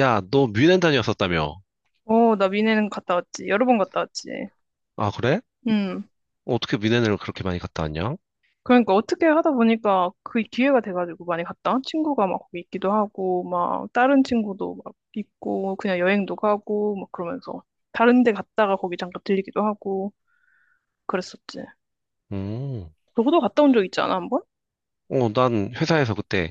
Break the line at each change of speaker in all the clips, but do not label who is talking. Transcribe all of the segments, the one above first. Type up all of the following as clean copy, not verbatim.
야, 너 뮌헨 다녀왔었다며?
어, 나 미네는 갔다 왔지. 여러 번 갔다 왔지.
아, 그래?
음.
어떻게 뮌헨을 그렇게 많이 갔다 왔냐?
그러니까 어떻게 하다 보니까 그 기회가 돼가지고 많이 갔다. 친구가 막 거기 있기도 하고, 막 다른 친구도 막 있고, 그냥 여행도 가고, 막 그러면서 다른 데 갔다가 거기 잠깐 들리기도 하고, 그랬었지.
음.
너도 갔다 온 적 있지 않아, 한 번?
어, 난 회사에서 그때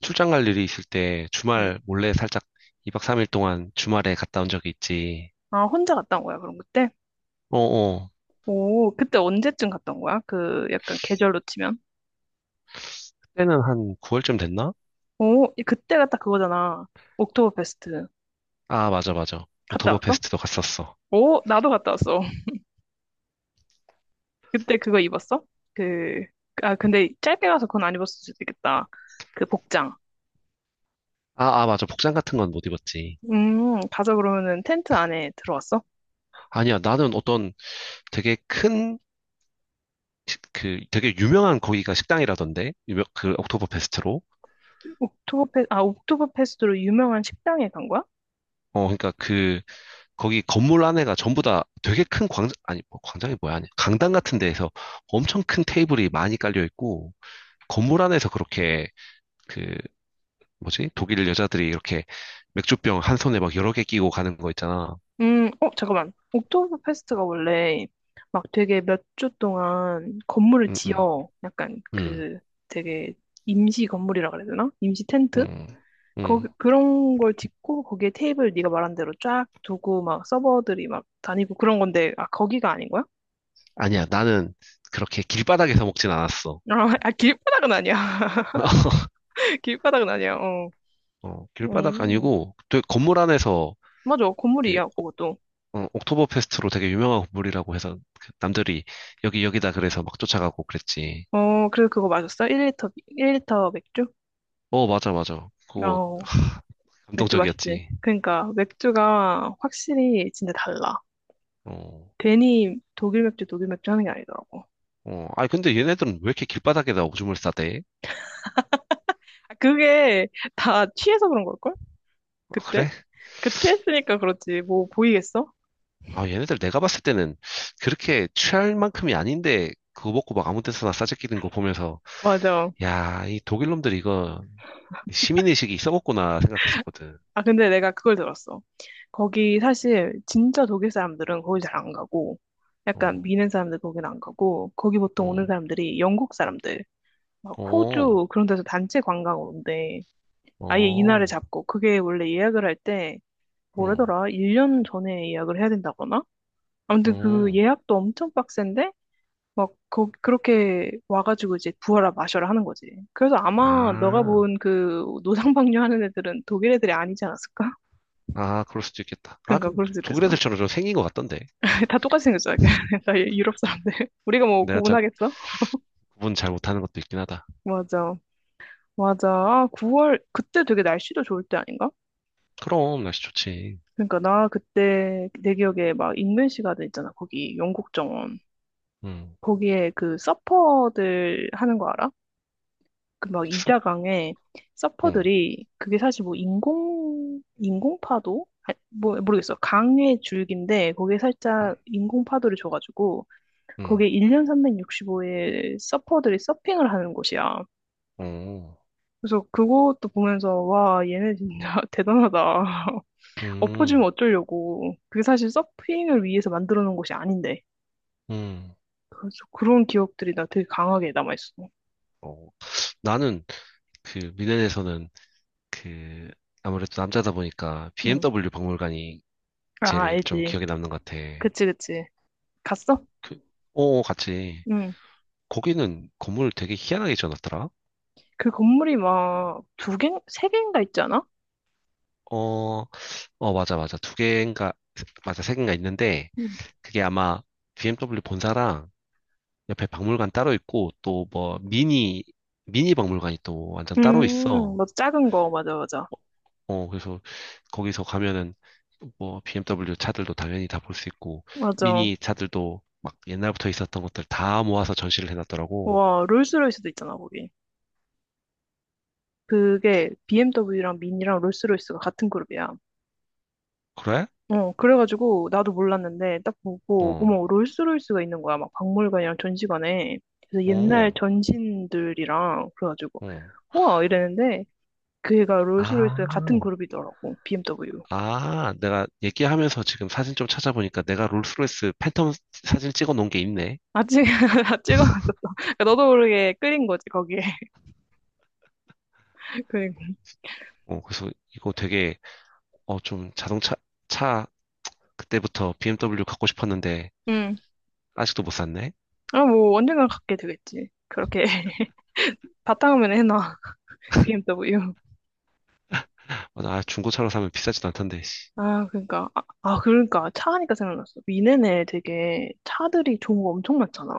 출장 갈 일이 있을 때
응.
주말 몰래 살짝 2박 3일 동안 주말에 갔다 온 적이 있지.
아, 혼자 갔다 온 거야, 그럼 그때?
어어.
오, 그때 언제쯤 갔다 온 거야? 그 약간 계절로 치면.
그때는 한 9월쯤 됐나?
오, 그때가 딱 그거잖아. 옥토버페스트.
아, 맞아, 맞아.
갔다
옥토버
왔어?
페스트도 갔었어.
오, 나도 갔다 왔어. 그때 그거 입었어? 그, 아, 근데 짧게 가서 그건 안 입었을 수도 있겠다. 그 복장.
아, 아, 맞아. 복장 같은 건 못 입었지.
가서 그러면은 텐트 안에 들어왔어?
아니야, 나는 어떤 되게 큰, 되게 유명한 거기가 식당이라던데? 옥토버 페스트로.
아, 옥토버페스트로 유명한 식당에 간 거야?
어, 그러니까 거기 건물 안에가 전부 다 되게 큰 광장, 아니, 뭐 광장이 뭐야, 아니, 강당 같은 데에서 엄청 큰 테이블이 많이 깔려 있고, 건물 안에서 그렇게, 그, 뭐지? 독일 여자들이 이렇게 맥주병 한 손에 막 여러 개 끼고 가는 거 있잖아.
어, 잠깐만. 옥토버페스트가 원래 막 되게 몇 주 동안 건물을
응, 응,
지어. 약간
응,
그 되게 임시 건물이라 그래야 되나? 임시 텐트?
응,
거기,
응.
그런 걸 짓고 거기에 테이블 네가 말한 대로 쫙 두고 막 서버들이 막 다니고 그런 건데, 아, 거기가 아닌 거야?
아니야, 나는 그렇게 길바닥에서 먹진 않았어.
어, 아, 길바닥은 아니야. 길바닥은 아니야. 어.
어, 길바닥
음.
아니고, 되게 건물 안에서,
맞아.
그,
건물이야,
옥-
그것도.
어, 옥토버 페스트로 되게 유명한 건물이라고 해서, 그 남들이 여기, 여기다 그래서 막 쫓아가고 그랬지.
어, 그래서 그거 마셨어? 1리터, 1리터 맥주?
어, 맞아, 맞아. 그거
어, 맥주 맛있지.
감동적이었지.
그러니까, 맥주가 확실히 진짜 달라.
어,
괜히 독일 맥주, 독일 맥주 하는 게 아니더라고.
어. 아니, 근데 얘네들은 왜 이렇게 길바닥에다 오줌을 싸대?
아, 그게 다 취해서 그런 걸걸?
아,
그때?
그래?
그 취했으니까 그렇지. 뭐 보이겠어?
아, 얘네들 내가 봤을 때는 그렇게 취할 만큼이 아닌데, 그거 먹고 막 아무 데서나 싸재끼는 거 보면서,
맞아.
야, 이 독일 놈들 이거 시민의식이 썩었구나 생각했었거든.
아, 근데 내가 그걸 들었어. 거기 사실 진짜 독일 사람들은 거기 잘 안 가고, 약간
어,
미는 사람들 거긴 안 가고, 거기 보통 오는
어,
사람들이 영국 사람들, 막
어,
호주 그런 데서 단체 관광 오는데, 아예 이날을
어,
잡고, 그게 원래 예약을 할 때,
어,
뭐라더라? 1년 전에 예약을 해야 된다거나? 아무튼 그
어.
예약도 엄청 빡센데, 막, 거, 그렇게 와가지고 이제 부어라 마셔라 하는 거지. 그래서 아마 너가
아,
본 그 노상방뇨 하는 애들은 독일 애들이 아니지 않았을까?
아, 그럴 수도 있겠다. 아,
그러니까
그
그럴 수 있겠어.
독일 애들처럼 좀 생긴 것 같던데.
다 똑같이 생겼잖아. 다 유럽 사람들. 우리가 뭐
내가 잘
구분하겠어?
구분 잘 못하는 것도 있긴 하다.
맞아. 맞아. 아, 9월, 그때 되게 날씨도 좋을 때 아닌가?
그럼 날씨 좋지.
그러니까 나 그때 내 기억에 막 인벤시 가든 있잖아. 거기 영국 정원.
응,
거기에 그 서퍼들 하는 거 알아? 그 막
숲,
이자강에
어,
서퍼들이 그게 사실 뭐 인공파도? 아, 뭐, 모르겠어. 강의 줄기인데 거기에
응,
살짝 인공파도를 줘가지고
응,
거기에 1년 365일 서퍼들이 서핑을 하는 곳이야.
어,
그래서 그것도 보면서 와, 얘네 진짜 대단하다. 엎어지면
응,
어쩌려고. 그게 사실 서핑을 위해서 만들어 놓은 곳이 아닌데.
응.
그래서 그런 기억들이 나 되게 강하게 남아있어.
어, 나는 그 미넨에서는 그 아무래도 남자다 보니까
응.
BMW 박물관이
아,
제일 좀
알지.
기억에 남는 것 같아.
그치, 그치. 갔어?
그, 같이.
응.
거기는 건물 되게 희한하게 지어놨더라.
그 건물이 막 두 개, 세 개인가 있잖아?
어, 어, 맞아, 맞아. 두 개인가, 맞아, 세 개인가 있는데,
응.
그게 아마 BMW 본사랑 옆에 박물관 따로 있고, 또 뭐, 미니 박물관이 또 완전 따로 있어.
맞아. 작은 거. 맞아, 맞아.
어, 그래서 거기서 가면은 뭐, BMW 차들도 당연히 다 볼 수 있고,
맞아.
미니 차들도 막 옛날부터 있었던 것들 다 모아서 전시를 해놨더라고.
와, 롤스로이스도 있잖아, 거기. 그게 BMW랑 미니랑 롤스로이스가 같은 그룹이야.
그래?
어, 그래가지고 나도 몰랐는데 딱 보고,
어,
어머, 롤스로이스가 있는 거야. 막 박물관이랑 전시관에 그래서 옛날
어,
전신들이랑 그래가지고,
어.
우와, 이랬는데 그 애가 롤스로이스 같은
아.
그룹이더라고, BMW.
아, 내가 얘기하면서 지금 사진 좀 찾아보니까 내가 롤스로이스 팬텀 사진 찍어 놓은 게 있네.
아찍 아직 너도 모르게 끌린 거지 거기에. 그리고
어, 그래서 이거 되게, 어, 좀 차, 그때부터 BMW 갖고 싶었는데, 아직도 못 샀네.
음아뭐 언젠간 갖게 되겠지 그렇게. 바탕화면에 해놔, BMW.
아, 중고차로 사면 비싸지도 않던데, 씨.
아, 그러니까 아 그러니까 차 하니까 생각났어. 미네네 되게 차들이 좋은 거 엄청 많잖아.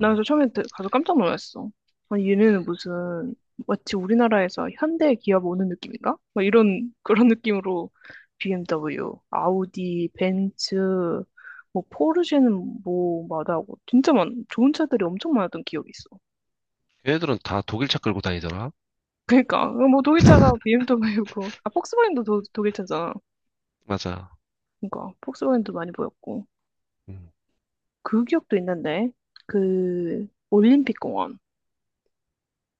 나 그래서 처음에 가서 깜짝 놀랐어. 아니, 얘네는 무슨 마치 우리나라에서 현대 기업 오는 느낌인가? 막 이런 그런 느낌으로 BMW, 아우디, 벤츠, 뭐 포르쉐는 뭐 마다하고 진짜 많 좋은 차들이 엄청 많았던 기억이 있어.
걔네들은 다 독일차 끌고 다니더라.
그러니까 뭐 독일차가 BMW고, 아, 폭스바겐도 독일차잖아.
맞아.
그러니까 폭스바겐도 많이 보였고
음.
그 기억도 있는데, 그 올림픽 공원.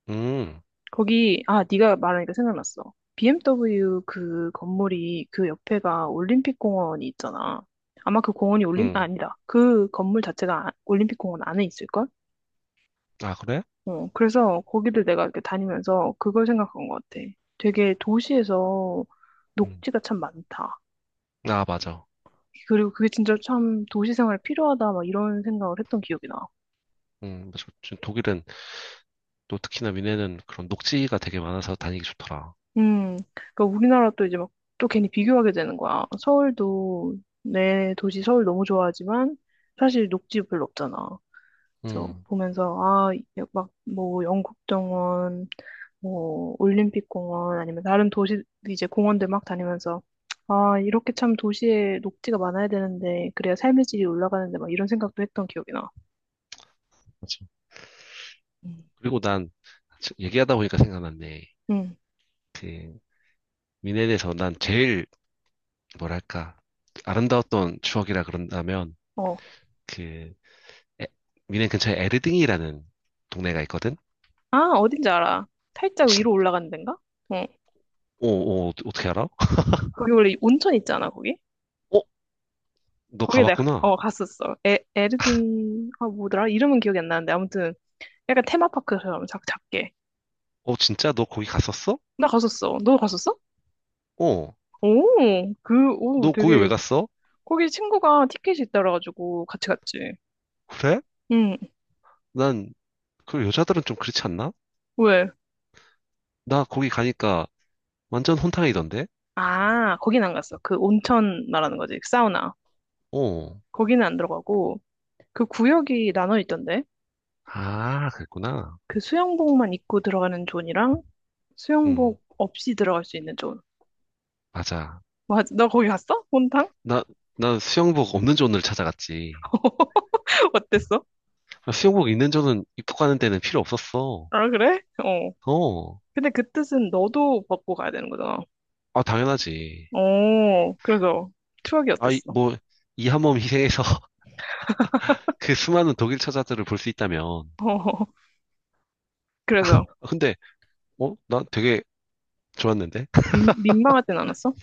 음.
거기, 아, 네가 말하니까 생각났어. BMW 그 건물이 그 옆에가 올림픽공원이 있잖아. 아마 그 공원이 올림 아,
음.
아니다. 그 건물 자체가 올림픽공원 안에 있을걸?
아, 그래?
어, 그래서 거기를 내가 이렇게 다니면서 그걸 생각한 것 같아. 되게 도시에서
음.
녹지가 참 많다.
아, 맞아.
그리고 그게 진짜 참 도시 생활에 필요하다 막 이런 생각을 했던 기억이 나.
맞아. 지금 독일은 또 특히나 미네는 그런 녹지가 되게 많아서 다니기 좋더라.
그러니까 우리나라 또 이제 막 또 괜히 비교하게 되는 거야. 서울도, 내 도시 서울 너무 좋아하지만 사실 녹지 별로 없잖아. 그래서
음.
보면서 아, 막 뭐 영국정원, 뭐 올림픽공원 아니면 다른 도시 이제 공원들 막 다니면서, 아, 이렇게 참 도시에 녹지가 많아야 되는데 그래야 삶의 질이 올라가는데 막 이런 생각도 했던 기억이 나. 음.
그리고 난 얘기하다 보니까 생각났네.
응,
그 미넨에서 난 제일 뭐랄까 아름다웠던 추억이라 그런다면
어.
그 에- 미넨 근처에 에르딩이라는 동네가 있거든.
아, 어딘지 알아. 살짝
진,
위로 올라가는 데인가? 응.
오, 오, 어떻게 알아?
거기 원래 온천 있잖아, 거기.
어, 너
거기 내가
가봤구나.
갔었어. 에르딩, 아, 뭐더라? 이름은 기억이 안 나는데 아무튼 약간 테마파크처럼 작 작게.
어, 진짜 너 거기 갔었어?
나 갔었어. 너 갔었어?
어,
오, 그, 오,
너 거기 왜
되게.
갔어?
거기 친구가 티켓이 있더라가지고 같이 갔지.
그래?
응.
난 그 여자들은 좀 그렇지 않나?
왜?
나 거기 가니까 완전 혼탕이던데.
아, 거긴 안 갔어. 그 온천 말하는 거지. 사우나.
어,
거기는 안 들어가고 그 구역이 나눠 있던데.
아, 그랬구나.
그 수영복만 입고 들어가는 존이랑
응,
수영복 없이 들어갈 수 있는 존.
맞아.
맞아. 너 거기 갔어? 혼탕?
나, 나 수영복 없는 존을 찾아갔지.
어땠어?
아, 수영복 있는 존은 입국하는 데는 필요 없었어.
아, 그래? 어.
어,
근데 그 뜻은 너도 먹고 가야 되는 거잖아.
아, 당연하지.
어, 그래서 추억이
아, 이,
어땠어? 어,
뭐, 이 한몸 희생해서 그 수많은 독일 처자들을 볼 수 있다면.
그래서
아, 근데, 어, 나 되게 좋았는데?
민망하진 않았어?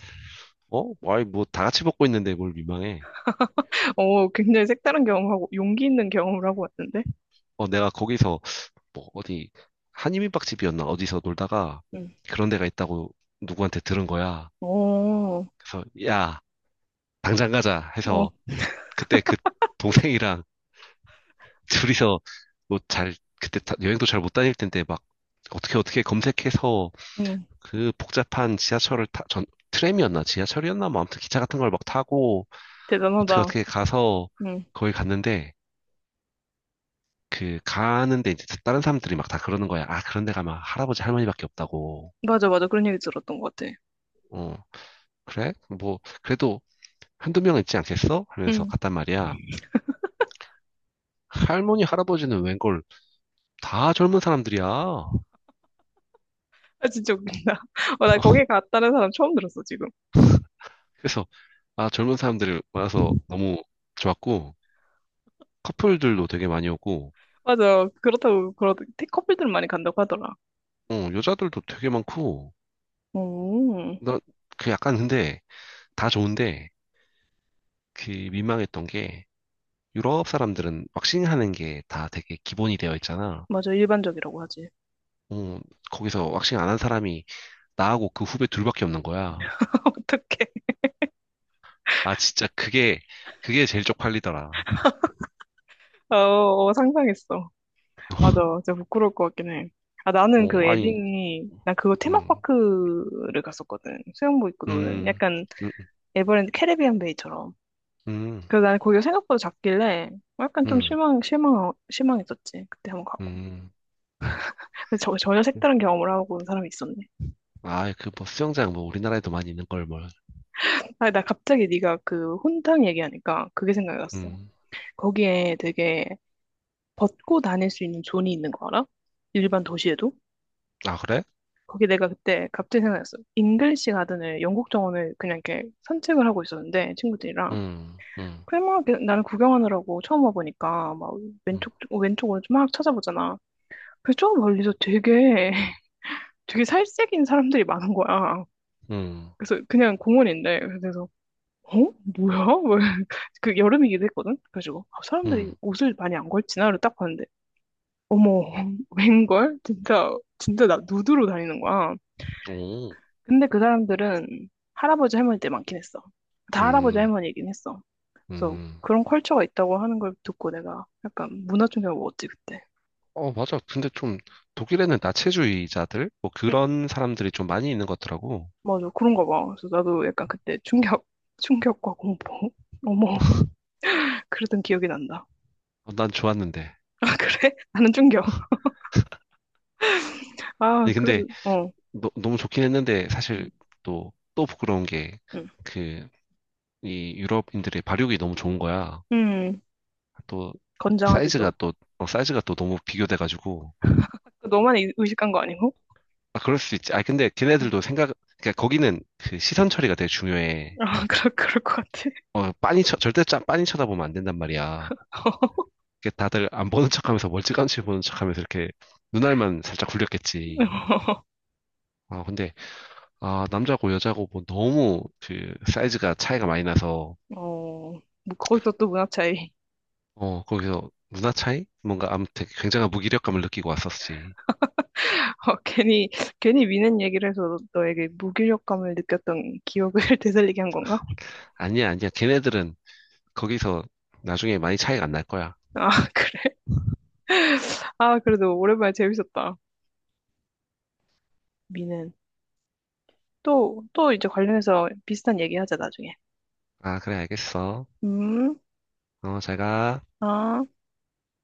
어, 아이, 뭐, 다 같이 먹고 있는데 뭘 민망해.
어, 굉장히 색다른 경험하고 용기 있는 경험을 하고 왔는데.
어, 내가 거기서, 뭐, 어디, 한인민박집이었나? 어디서 놀다가
응.
그런 데가 있다고 누구한테 들은 거야.
어, 어,
그래서, 야, 당장 가자 해서 그때 그 동생이랑 둘이서 뭐 잘, 그때 여행도 잘 못 다닐 텐데 막 어떻게 어떻게 검색해서
응.
그 복잡한 지하철을 트램이었나 지하철이었나 뭐 아무튼 기차 같은 걸 막 타고 어떻게
대단하다.
어떻게 가서
응.
거기 갔는데 그 가는데 이제 다른 사람들이 막 다 그러는 거야. 아, 그런 데 가면 할아버지 할머니밖에 없다고.
맞아, 맞아. 그런 얘기 들었던 것 같아.
어, 그래? 뭐 그래도 한두 명 있지 않겠어? 하면서
응.
갔단 말이야. 할머니 할아버지는 웬걸 다 젊은 사람들이야.
아, 진짜 웃긴다. 어, 나 거기 갔다는 사람 처음 들었어, 지금.
그래서 아, 젊은 사람들이 많아서 너무 좋았고 커플들도 되게 많이 오고,
맞아. 그렇다고, 커플들 많이 간다고 하더라.
어, 여자들도 되게 많고,
음,
나, 그 약간 근데 다 좋은데, 그 민망했던 게, 유럽 사람들은 왁싱 하는 게 다 되게 기본이 되어 있잖아.
맞아. 일반적이라고 하지.
어, 거기서 왁싱 안 한 사람이 나하고 그 후배 둘밖에 없는 거야.
어떡해.
아, 진짜 그게 제일 쪽팔리더라.
어, 어, 상상했어. 맞아. 진짜 부끄러울 것 같긴 해. 아, 나는
어, 아니,
나 그거
음,
테마파크를 갔었거든. 수영복 입고 노는.
음,
약간
음,
에버랜드 캐리비안 베이처럼.
음,
그래서 나는 거기가 생각보다 작길래 약간 좀
음,
실망했었지. 그때 한번 가고.
음.
근데 전혀 색다른 경험을 하고 온 사람이 있었네.
아, 그 뭐 수영장 뭐 우리나라에도 많이 있는 걸 뭘.
아, 나 갑자기 네가 그 혼탕 얘기하니까 그게 생각이 났어.
음.
거기에 되게 벗고 다닐 수 있는 존이 있는 거 알아? 일반 도시에도?
아, 그래?
거기 내가 그때 갑자기 생각났어. 잉글리시 가든을, 영국 정원을 그냥 이렇게 산책을 하고 있었는데 친구들이랑
음, 음,
그냥 막 이렇게 나는 구경하느라고 처음 와보니까 막
음.
왼쪽 왼쪽 오른쪽 막 찾아보잖아. 그래서 저 멀리서 되게 되게 살색인 사람들이 많은 거야.
음,
그래서 그냥 공원인데 그래서, 어? 뭐야? 그, 여름이기도 했거든. 그래가지고 아, 사람들이
음,
옷을 많이 안 걸치나? 이러고 딱 봤는데, 어머, 웬걸? 진짜 진짜 나 누드로 다니는 거야.
오,
근데 그 사람들은 할아버지 할머니들 많긴 했어. 다 할아버지
음,
할머니이긴 했어. 그래서
음.
그런 컬처가 있다고 하는 걸 듣고 내가 약간 문화 충격을 먹었지, 그때.
어, 맞아. 근데 좀 독일에는 나체주의자들? 뭐
응?
그런 사람들이 좀 많이 있는 것 같더라고.
맞아, 그런가 봐. 그래서 나도 약간 그때 충격과 공포. 어머, 그러던 기억이 난다.
어, 난 좋았는데.
아, 그래? 나는 충격. 아,
아니,
그래도,
근데
어.
너무 좋긴 했는데
음,
사실 또, 또 부끄러운 게
음.
그, 이 유럽인들의 발육이 너무 좋은 거야.
음,
또 사이즈가
건장하지도.
또, 어, 사이즈가 또 너무 비교돼가지고.
너만 의식한 거 아니고?
아, 그럴 수 있지. 아, 근데 걔네들도 생각, 그러니까 거기는 그 시선 처리가 되게 중요해.
응. 아, 그럴 것 같아.
어, 절대 빤히 쳐다보면 안 된단 말이야. 이렇게 다들 안 보는 척하면서 멀찌감치 보는 척하면서 이렇게 눈알만 살짝 굴렸겠지. 아 근데 아 남자고 여자고 뭐 너무 그 사이즈가 차이가 많이 나서
어, 뭐 거기서 또 문화 차이.
어 거기서 누나 차이? 뭔가 아무튼 굉장한 무기력감을 느끼고 왔었지.
어, 괜히 미는 얘기를 해서 너에게 무기력감을 느꼈던 기억을 되살리게 한 건가?
아니야 아니야 걔네들은 거기서 나중에 많이 차이가 안 날 거야.
아, 그래. 아, 그래도 오랜만에 재밌었다. 미는. 또, 또 이제 관련해서 비슷한 얘기 하자, 나중에.
아 그래 알겠어.
음,
어 잘 가.
아.